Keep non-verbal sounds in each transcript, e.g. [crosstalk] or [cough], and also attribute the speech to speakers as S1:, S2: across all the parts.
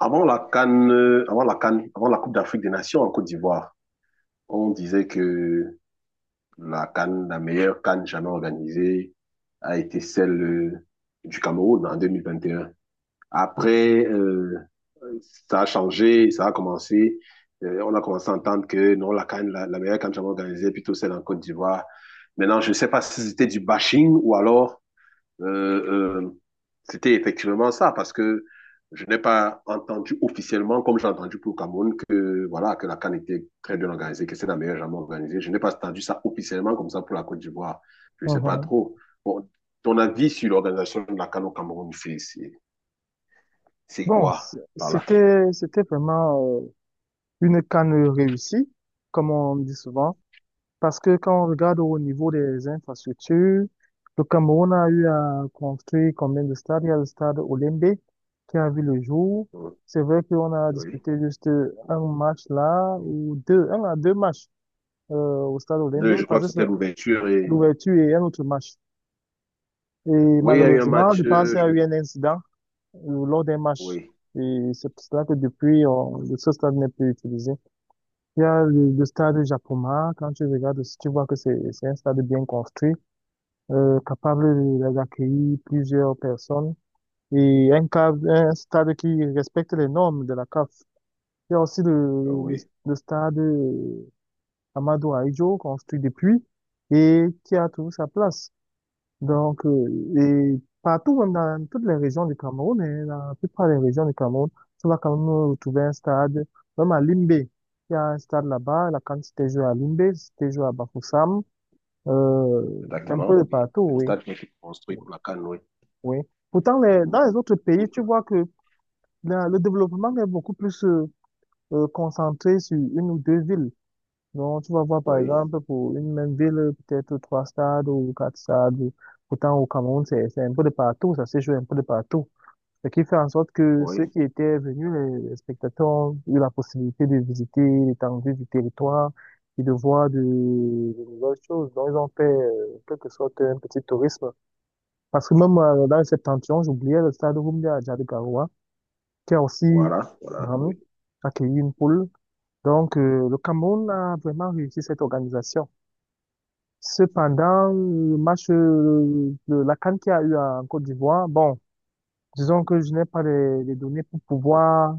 S1: Avant la Coupe d'Afrique des Nations en Côte d'Ivoire, on disait que la CAN, la meilleure CAN jamais organisée, a été celle du Cameroun en 2021. Après, ça a changé, ça a commencé. On a commencé à entendre que non, la CAN, la meilleure CAN jamais organisée, plutôt celle en Côte d'Ivoire. Maintenant, je ne sais pas si c'était du bashing ou alors euh, euh, c'était effectivement ça, parce que je n'ai pas entendu officiellement, comme j'ai entendu pour Cameroun, que voilà que la CAN était très bien organisée, que c'est la meilleure jamais organisée. Je n'ai pas entendu ça officiellement comme ça pour la Côte d'Ivoire. Je ne sais pas
S2: Mhm.
S1: trop. Bon, ton avis sur l'organisation de la CAN au Cameroun, c'est
S2: Bon,
S1: quoi
S2: c-
S1: par là?
S2: c'était, c'était vraiment une canne réussie, comme on dit souvent, parce que quand on regarde au niveau des infrastructures, le Cameroun a eu à construire combien de stades? Il y a le stade Olembe qui a vu le jour. C'est vrai qu'on a
S1: Oui.
S2: disputé juste un match là, ou deux, un à deux matchs euh, au stade Olembe,
S1: Deux, je crois
S2: parce
S1: que
S2: que c'est
S1: c'était l'ouverture et
S2: l'ouverture et un autre match. Et
S1: oui, il y a eu un
S2: malheureusement, je
S1: match.
S2: pense qu'il y a eu un incident ou lors des matchs.
S1: Oui.
S2: Et c'est pour cela que depuis, ce stade n'est plus utilisé. Il y a le stade Japoma. Quand tu regardes, si tu vois que c'est un stade bien construit, capable d'accueillir plusieurs personnes et un stade qui respecte les normes de la CAF. Il y a aussi le,
S1: Oh,
S2: le,
S1: oui,
S2: le stade Amadou Ahidjo, construit depuis et qui a toujours sa place. Donc, et partout, même dans toutes les régions du Cameroun, hein, dans la plupart des régions du Cameroun, tu vas quand même retrouver un stade, même à Limbé. Il y a un stade là-bas, là, quand c'était joué à Limbé, c'était joué à Bafoussam, euh, un peu
S1: exactement.
S2: de
S1: Oui.
S2: partout,
S1: C'est le
S2: oui,
S1: stade qui a été construit pour la CAN, oui.
S2: oui. Pourtant,
S1: Mhm.
S2: dans les autres
S1: Oui,
S2: pays, tu vois que le développement est beaucoup plus concentré sur une ou deux villes. Donc, tu vas voir, par
S1: oui,
S2: exemple, pour une même ville, peut-être trois stades ou quatre stades. Pourtant, au Cameroun, c'est un peu de partout, ça se joue un peu de partout. Ce qui fait en sorte que ceux
S1: oui.
S2: qui étaient venus, les spectateurs, ont eu la possibilité de visiter l'étendue du territoire et de voir de nouvelles choses. Donc, ils ont fait, en quelque sorte, un petit tourisme. Parce que même dans le septentrion, j'oubliais le stade Rumba à Djadikaroua, qui a aussi
S1: Voilà, voilà,
S2: euh,
S1: oui.
S2: accueilli une poule. Donc, le Cameroun a vraiment réussi cette organisation. Cependant, le match, de la CAN qu'il y a eu en Côte d'Ivoire, bon, disons que je n'ai pas les données pour pouvoir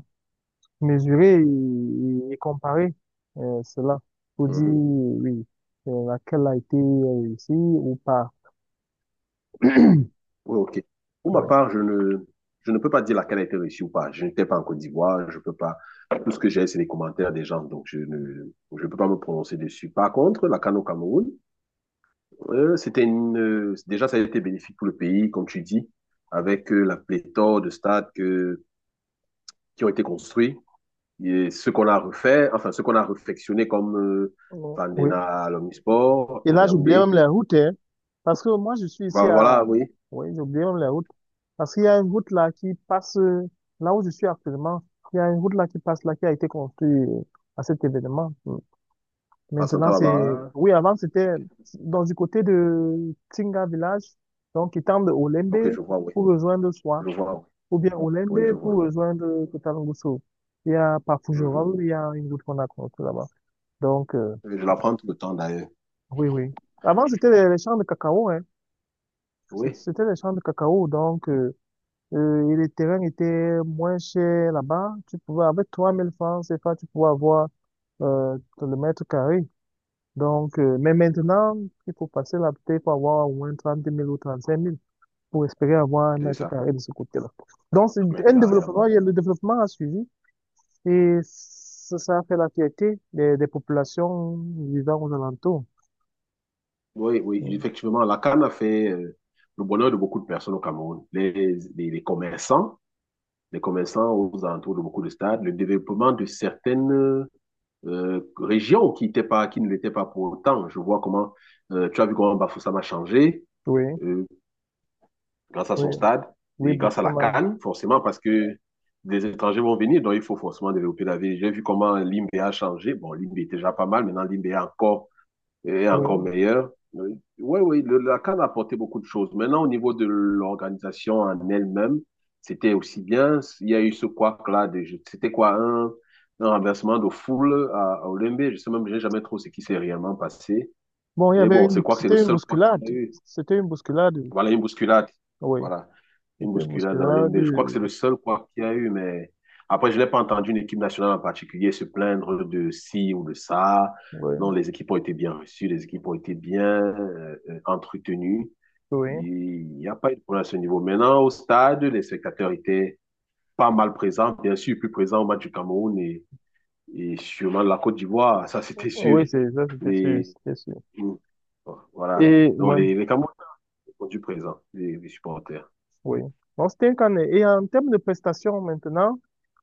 S2: mesurer et comparer cela pour dire
S1: Mhm.
S2: oui, laquelle a été réussie ou pas.
S1: Oui, ok. Pour ma
S2: Ouais.
S1: part, je ne peux pas dire laquelle a été réussie ou pas. Je n'étais pas en Côte d'Ivoire, je peux pas. Tout ce que j'ai, c'est les commentaires des gens, donc je peux pas me prononcer dessus. Par contre, la CAN au Cameroun, c'était déjà, ça a été bénéfique pour le pays, comme tu dis, avec la pléthore de stades qui ont été construits et ce qu'on a refait, enfin, ce qu'on a réfectionné comme
S2: Oh, oui.
S1: Fandena à l'Omnisport,
S2: Et là, j'oubliais même
S1: Yaoundé.
S2: les routes, hein, parce que moi, je suis ici
S1: Bah, voilà,
S2: à...
S1: oui,
S2: Oui, j'oubliais même les routes. Parce qu'il y a une route là qui passe, là où je suis actuellement, il y a une route là qui passe là, qui a été construite à cet événement. Mm. Maintenant,
S1: Passanta Barbara.
S2: oui, avant, c'était dans du côté de Tinga Village, donc qui tend de Olembe
S1: Ok, je vois, oui.
S2: pour rejoindre
S1: Je vois, oui,
S2: ou bien
S1: oui,
S2: Olembe
S1: je
S2: pour
S1: vois.
S2: rejoindre Kotalongoso. Il y a par
S1: Mhm.
S2: Fougerolles, il y a une route qu'on a contre là-bas. Donc,
S1: Je la prends tout le temps d'ailleurs.
S2: oui, oui. Avant, c'était les champs de cacao, hein.
S1: Oui,
S2: C'était les champs de cacao, donc et les terrains étaient moins chers là-bas. Tu pouvais, avec 3000 francs CFA, tu pouvais avoir le mètre carré. Donc, mais maintenant, il faut passer là, peut pour avoir au moins 30 000 ou 35 000 pour espérer avoir un
S1: j'ai
S2: mètre
S1: ça,
S2: carré de ce côté-là. Donc, c'est
S1: 30 mètres
S2: un
S1: carrés
S2: développement,
S1: là-bas.
S2: le développement a suivi. Et ça a fait la fierté des populations vivant aux alentours.
S1: Oui, oui, effectivement, la canne a fait le bonheur de beaucoup de personnes au Cameroun. Les, les commerçants, les commerçants aux alentours de beaucoup de stades, le développement de certaines régions qui ne l'étaient pas pour autant. Tu as vu comment Bafoussam a changé.
S2: Oui,
S1: Euh, Grâce à
S2: oui,
S1: son stade
S2: oui,
S1: et
S2: bah,
S1: grâce à la can forcément, parce que des étrangers vont venir, donc il faut forcément développer la ville. J'ai vu comment Limbe a changé. Bon, Limbe était déjà pas mal, maintenant Limbe est encore
S2: oui.
S1: meilleur. Oui, oui, la can a apporté beaucoup de choses. Maintenant, au niveau de l'organisation en elle-même, c'était aussi bien. Il y a eu ce couac-là, c'était quoi, un renversement de foule à Olymbe. Je sais même, j'ai jamais trop ce qui s'est réellement passé.
S2: Bon, il y
S1: Et
S2: avait
S1: bon, c'est quoi que c'est le
S2: c'était une
S1: seul quoi qu'il y a
S2: bousculade.
S1: eu.
S2: C'était une bousculade.
S1: Voilà, une bousculade.
S2: Oui,
S1: Voilà, une
S2: c'était une
S1: bousculade dans
S2: bousculade.
S1: l'NB. Je crois que c'est le seul quoi qu'il y a eu, mais après, je n'ai pas entendu une équipe nationale en particulier se plaindre de ci ou de ça. Non,
S2: Oui,
S1: les équipes ont été bien reçues, les équipes ont été bien entretenues.
S2: oui.
S1: Il n'y a pas eu de problème à ce niveau. Maintenant, au stade, les spectateurs étaient pas mal présents, bien sûr, plus présents au match du Cameroun et sûrement de la Côte d'Ivoire, ça [laughs] c'était sûr.
S2: Oui, c'est ça, c'était sûr,
S1: Et,
S2: c'était sûr.
S1: mm, voilà.
S2: Et,
S1: Donc,
S2: ouais,
S1: les Camerounais du présent des supporters.
S2: oui. Bon, c'était un canet. Et en termes de prestations maintenant,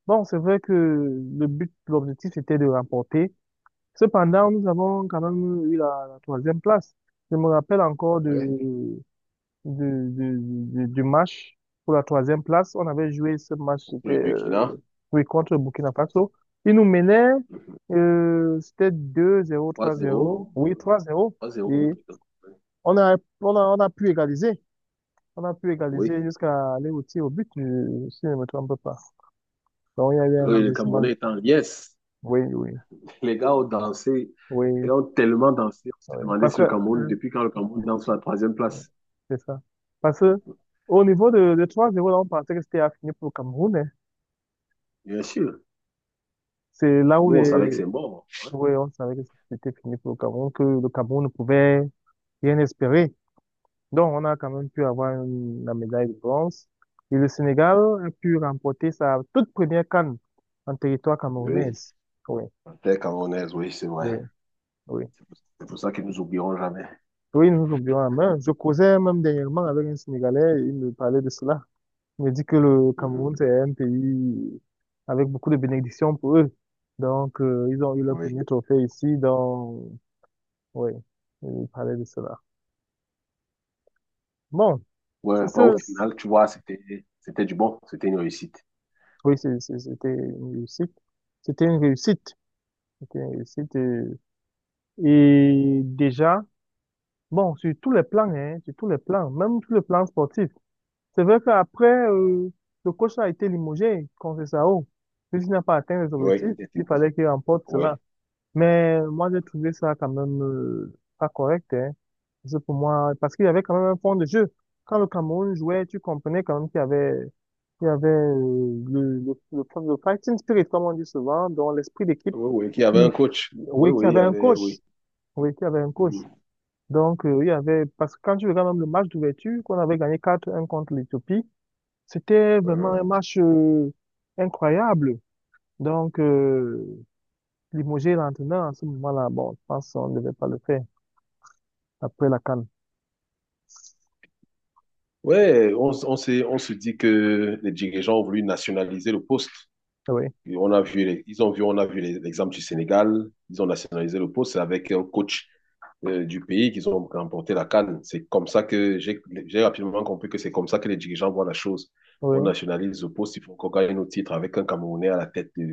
S2: bon, c'est vrai que le but, l'objectif, c'était de remporter. Cependant, nous avons quand même eu la troisième place. Je me rappelle encore
S1: Ouais.
S2: de, de- du match pour la troisième place. On avait joué ce match, c'était
S1: Le Burkina,
S2: oui, contre le Burkina Faso. Ils nous menaient, c'était 2-0
S1: trois
S2: 3-0.
S1: zéro,
S2: Oui, 3-0.
S1: trois
S2: Et
S1: zéro.
S2: on a pu égaliser. On a pu égaliser
S1: Oui.
S2: jusqu'à aller au tir au but, si je ne me trompe pas. Donc, il y a eu un
S1: Oui, le
S2: renversement.
S1: Camerounais est en liesse.
S2: Oui, oui,
S1: Les gars ont dansé, les
S2: oui.
S1: gars ont tellement dansé, on s'est
S2: Oui.
S1: demandé
S2: Parce
S1: si
S2: que,
S1: le Cameroun,
S2: euh,
S1: depuis quand le Cameroun danse sur la troisième
S2: ouais,
S1: place.
S2: c'est ça. Parce que au niveau de 3-0, là, on pensait que c'était fini pour le Cameroun, hein.
S1: Bien sûr.
S2: C'est là où
S1: Nous, on savait que c'est mort. Ouais.
S2: ouais, on savait que c'était fini pour le Cameroun, que le Cameroun ne pouvait rien espérer. Donc, on a quand même pu avoir la médaille de bronze. Et le Sénégal a pu remporter sa toute première CAN en territoire camerounais.
S1: Oui,
S2: Oui,
S1: la terre camerounaise, oui, c'est vrai.
S2: oui, oui.
S1: C'est pour ça qu'ils nous oublieront jamais.
S2: Oui, nous oublions la main. Je causais même dernièrement avec un Sénégalais, il me parlait de cela. Il me dit que le
S1: Mhm.
S2: Cameroun, c'est un pays avec beaucoup de bénédictions pour eux. Donc, ils ont eu leur
S1: Oui.
S2: premier trophée ici. Donc, oui, il parlait de cela. Bon,
S1: Ouais,
S2: c'est
S1: bah,
S2: ça.
S1: au final, tu vois, c'était du bon, c'était une réussite.
S2: Oui, c'était une réussite. C'était une réussite. C'était une réussite. Et, déjà, bon, sur tous les plans, hein, sur tous les plans, même sur le plan sportif. C'est vrai qu'après, le coach a été limogé contre Sao. Puisqu'il n'a pas atteint les
S1: Oui,
S2: objectifs,
S1: il était
S2: il
S1: coach.
S2: fallait qu'il remporte
S1: Ouais.
S2: cela. Mais moi, j'ai trouvé ça quand même pas correct, hein. Parce que pour moi, parce qu'il y avait quand même un fond de jeu. Quand le Cameroun jouait, tu comprenais quand même qu'il y avait le fighting spirit, comme on dit souvent, dans l'esprit d'équipe
S1: Oui, oui, qui avait un
S2: qui,
S1: coach. Oui,
S2: oui, qui
S1: oui, il y
S2: avait un
S1: avait,
S2: coach.
S1: oui.
S2: Oui, qui avait un coach.
S1: Mhm.
S2: Donc, il y avait, parce que quand tu regardes même le match d'ouverture, qu'on avait gagné 4-1 contre l'Éthiopie, c'était vraiment
S1: Uh-huh.
S2: un match incroyable. Donc, limoger l'entraîneur en ce moment-là, bon, je pense qu'on ne devait pas le faire après la CAN.
S1: Ouais, on, s- on s'est- on se dit que les dirigeants ont voulu nationaliser le poste.
S2: Oui,
S1: On a vu l'exemple du Sénégal. Ils ont nationalisé le poste. C'est avec un coach du pays qu'ils ont remporté la CAN. C'est comme ça que j'ai rapidement compris que c'est comme ça que les dirigeants voient la chose. On
S2: oui.
S1: nationalise le poste, il faut qu'on gagne nos titres avec un Camerounais à la tête de,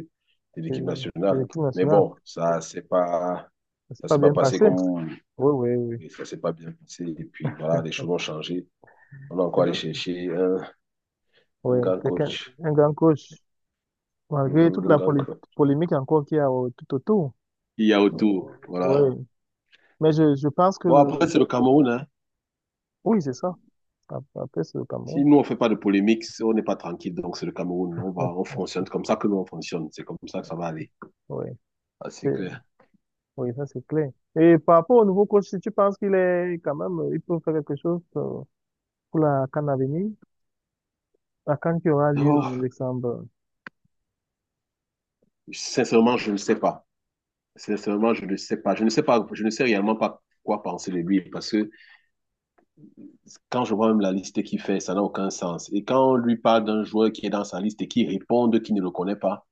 S1: de l'équipe
S2: Et
S1: nationale.
S2: l'équipe
S1: Mais
S2: nationale,
S1: bon, ça c'est pas
S2: c'est
S1: ça
S2: pas
S1: s'est pas
S2: bien
S1: passé
S2: passé.
S1: comme
S2: Oui, oui, oui.
S1: ça s'est pas bien passé. Et puis voilà, les choses ont changé. On a
S2: C'est
S1: encore
S2: ça.
S1: allé chercher un,
S2: Oui,
S1: un grand
S2: quelqu'un,
S1: coach,
S2: un grand coach, malgré toute
S1: Mhm, un
S2: la
S1: grand coach.
S2: polémique encore qu'il y a tout autour.
S1: Il y a
S2: Euh,
S1: autour, voilà.
S2: oui. Mais je pense que
S1: Bon, après, c'est le Cameroun, hein.
S2: oui, c'est ça. Après, c'est le Cameroun.
S1: Si nous, on fait pas de polémique, si on n'est pas tranquille. Donc, c'est le Cameroun. On fonctionne comme ça que nous, on fonctionne. C'est comme ça que ça va aller.
S2: Oui,
S1: Ah, c'est
S2: c'est,
S1: clair.
S2: oui, ça c'est clair. Et par rapport au nouveau coach, si tu penses qu'il est quand même, il peut faire quelque chose pour la CAN à venir, la CAN qui aura lieu en
S1: Oh,
S2: décembre.
S1: sincèrement, je ne sais pas. Sincèrement, je ne sais pas. Je ne sais pas. Je ne sais réellement pas quoi penser de lui parce que quand je vois même la liste qu'il fait, ça n'a aucun sens. Et quand on lui parle d'un joueur qui est dans sa liste et qui répond qu'il ne le connaît pas,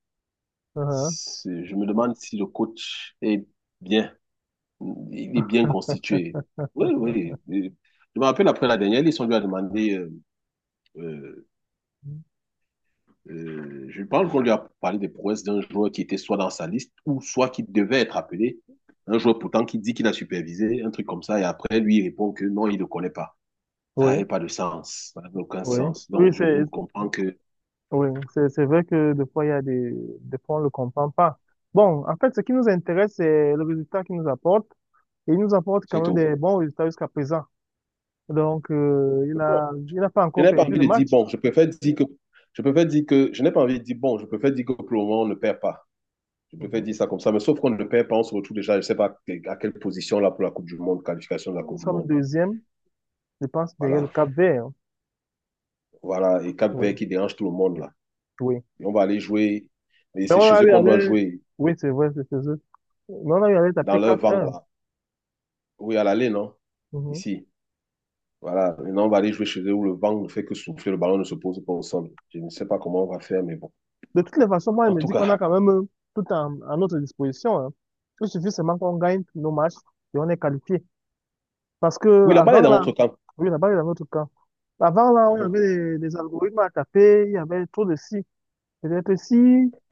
S2: Uh-huh.
S1: je me demande si le coach est bien. Il est bien constitué. Oui, oui. Et je me rappelle après la dernière liste, on lui a demandé, euh, je pense qu'on lui a parlé des prouesses d'un joueur qui était soit dans sa liste ou soit qui devait être appelé. Un joueur pourtant qui dit qu'il a supervisé, un truc comme ça, et après lui il répond que non, il ne le connaît pas. Ça
S2: Oui,
S1: n'avait pas de sens, ça n'avait aucun
S2: oui.
S1: sens.
S2: Oui,
S1: Donc je
S2: c'est
S1: vous comprends que
S2: Oui, c'est vrai que des fois, il y a des fois, on ne le comprend pas. Bon, en fait, ce qui nous intéresse, c'est le résultat qu'il nous apporte. Et il nous apporte quand
S1: c'est
S2: même
S1: tout.
S2: des bons résultats jusqu'à présent. Donc,
S1: Bon,
S2: il n'a pas
S1: je
S2: encore
S1: n'ai pas
S2: perdu
S1: envie
S2: le
S1: de dire
S2: match.
S1: bon, je préfère dire que je n'ai pas envie de dire bon, je préfère dire que pour le moment on ne perd pas. Je préfère
S2: Mhm.
S1: dire ça comme ça, mais sauf qu'on ne perd pas, on se retrouve déjà, je ne sais pas à quelle position là pour la Coupe du Monde, qualification de la
S2: Nous
S1: Coupe du
S2: sommes
S1: Monde.
S2: deuxième, je pense, derrière le
S1: Voilà,
S2: Cap-Vert.
S1: voilà. Et Cap
S2: Oui,
S1: Vert qui dérange tout le monde là.
S2: oui.
S1: Et on va aller jouer, et
S2: Mais
S1: c'est
S2: on
S1: chez
S2: a
S1: eux
S2: eu à
S1: qu'on doit
S2: l'aise-
S1: jouer,
S2: Oui, c'est vrai, c'est ça. Mais on a eu à l'aise à
S1: dans leur vent
S2: P4-1.
S1: là. Oui, à l'aller, non.
S2: Mhm.
S1: Ici. Voilà, maintenant on va aller jouer chez eux où le vent ne fait que souffler, le ballon ne se pose pas au sol. Je ne sais pas comment on va faire, mais bon.
S2: De toutes les façons, moi, il
S1: En
S2: me
S1: tout
S2: dit qu'on a
S1: cas,
S2: quand même à notre disposition, hein. Il suffit seulement qu'on gagne nos matchs et on est qualifié. Parce que
S1: oui, la balle est
S2: avant
S1: dans
S2: là,
S1: notre camp.
S2: oui, là-bas, il y avait autre cas. Avant là, on
S1: Uh-huh.
S2: avait des algorithmes à taper, il y avait trop de si. Peut-être si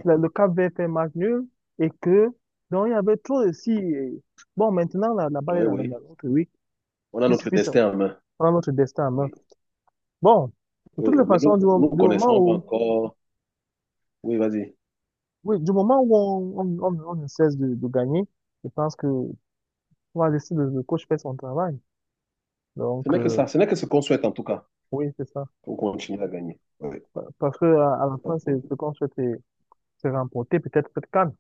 S2: le Cap Vert fait match nul et que, donc il y avait trop de si. Et bon, maintenant, là, la balle est
S1: Oui,
S2: dans la
S1: oui.
S2: dans Oui.
S1: On a
S2: Il
S1: notre
S2: suffit de
S1: destin en main.
S2: prendre notre destin en main.
S1: Oui,
S2: Bon, de toutes
S1: oui.
S2: les
S1: Mais
S2: façons,
S1: nous, nous
S2: du
S1: connaissons
S2: moment où,
S1: encore. Oui, vas-y.
S2: oui, du moment où on ne cesse de gagner, je pense que on va laisser le coach faire son travail.
S1: Ce
S2: Donc,
S1: n'est que ça. Ce n'est que ce qu'on souhaite en tout cas,
S2: oui, c'est ça.
S1: pour continuer à gagner. Ouais,
S2: Parce que à la
S1: pas de
S2: fin, c'est
S1: problème.
S2: ce qu'on souhaite se remporter peut-être cette can.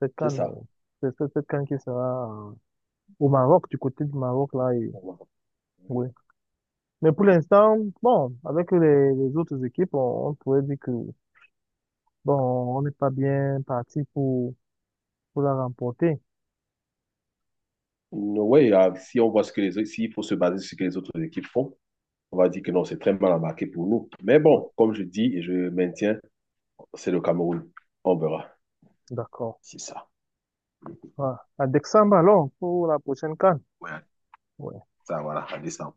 S2: Cette
S1: C'est
S2: can
S1: ça.
S2: c'est Cette can qui sera au Maroc, du côté du Maroc là. Et,
S1: Ouais,
S2: oui. Mais pour l'instant, bon, avec les autres équipes, on pourrait dire que bon, on n'est pas bien parti pour la remporter.
S1: si on voit ce que les autres, s'il faut se baser sur ce que les autres équipes font, on va dire que non, c'est très mal embarqué pour nous. Mais
S2: Ouais,
S1: bon, comme je dis et je maintiens, c'est le Cameroun. On verra.
S2: d'accord.
S1: C'est ça.
S2: Voilà. À décembre alors pour la prochaine CAN.
S1: Ouais,
S2: Ouais.
S1: ça, voilà, à décembre.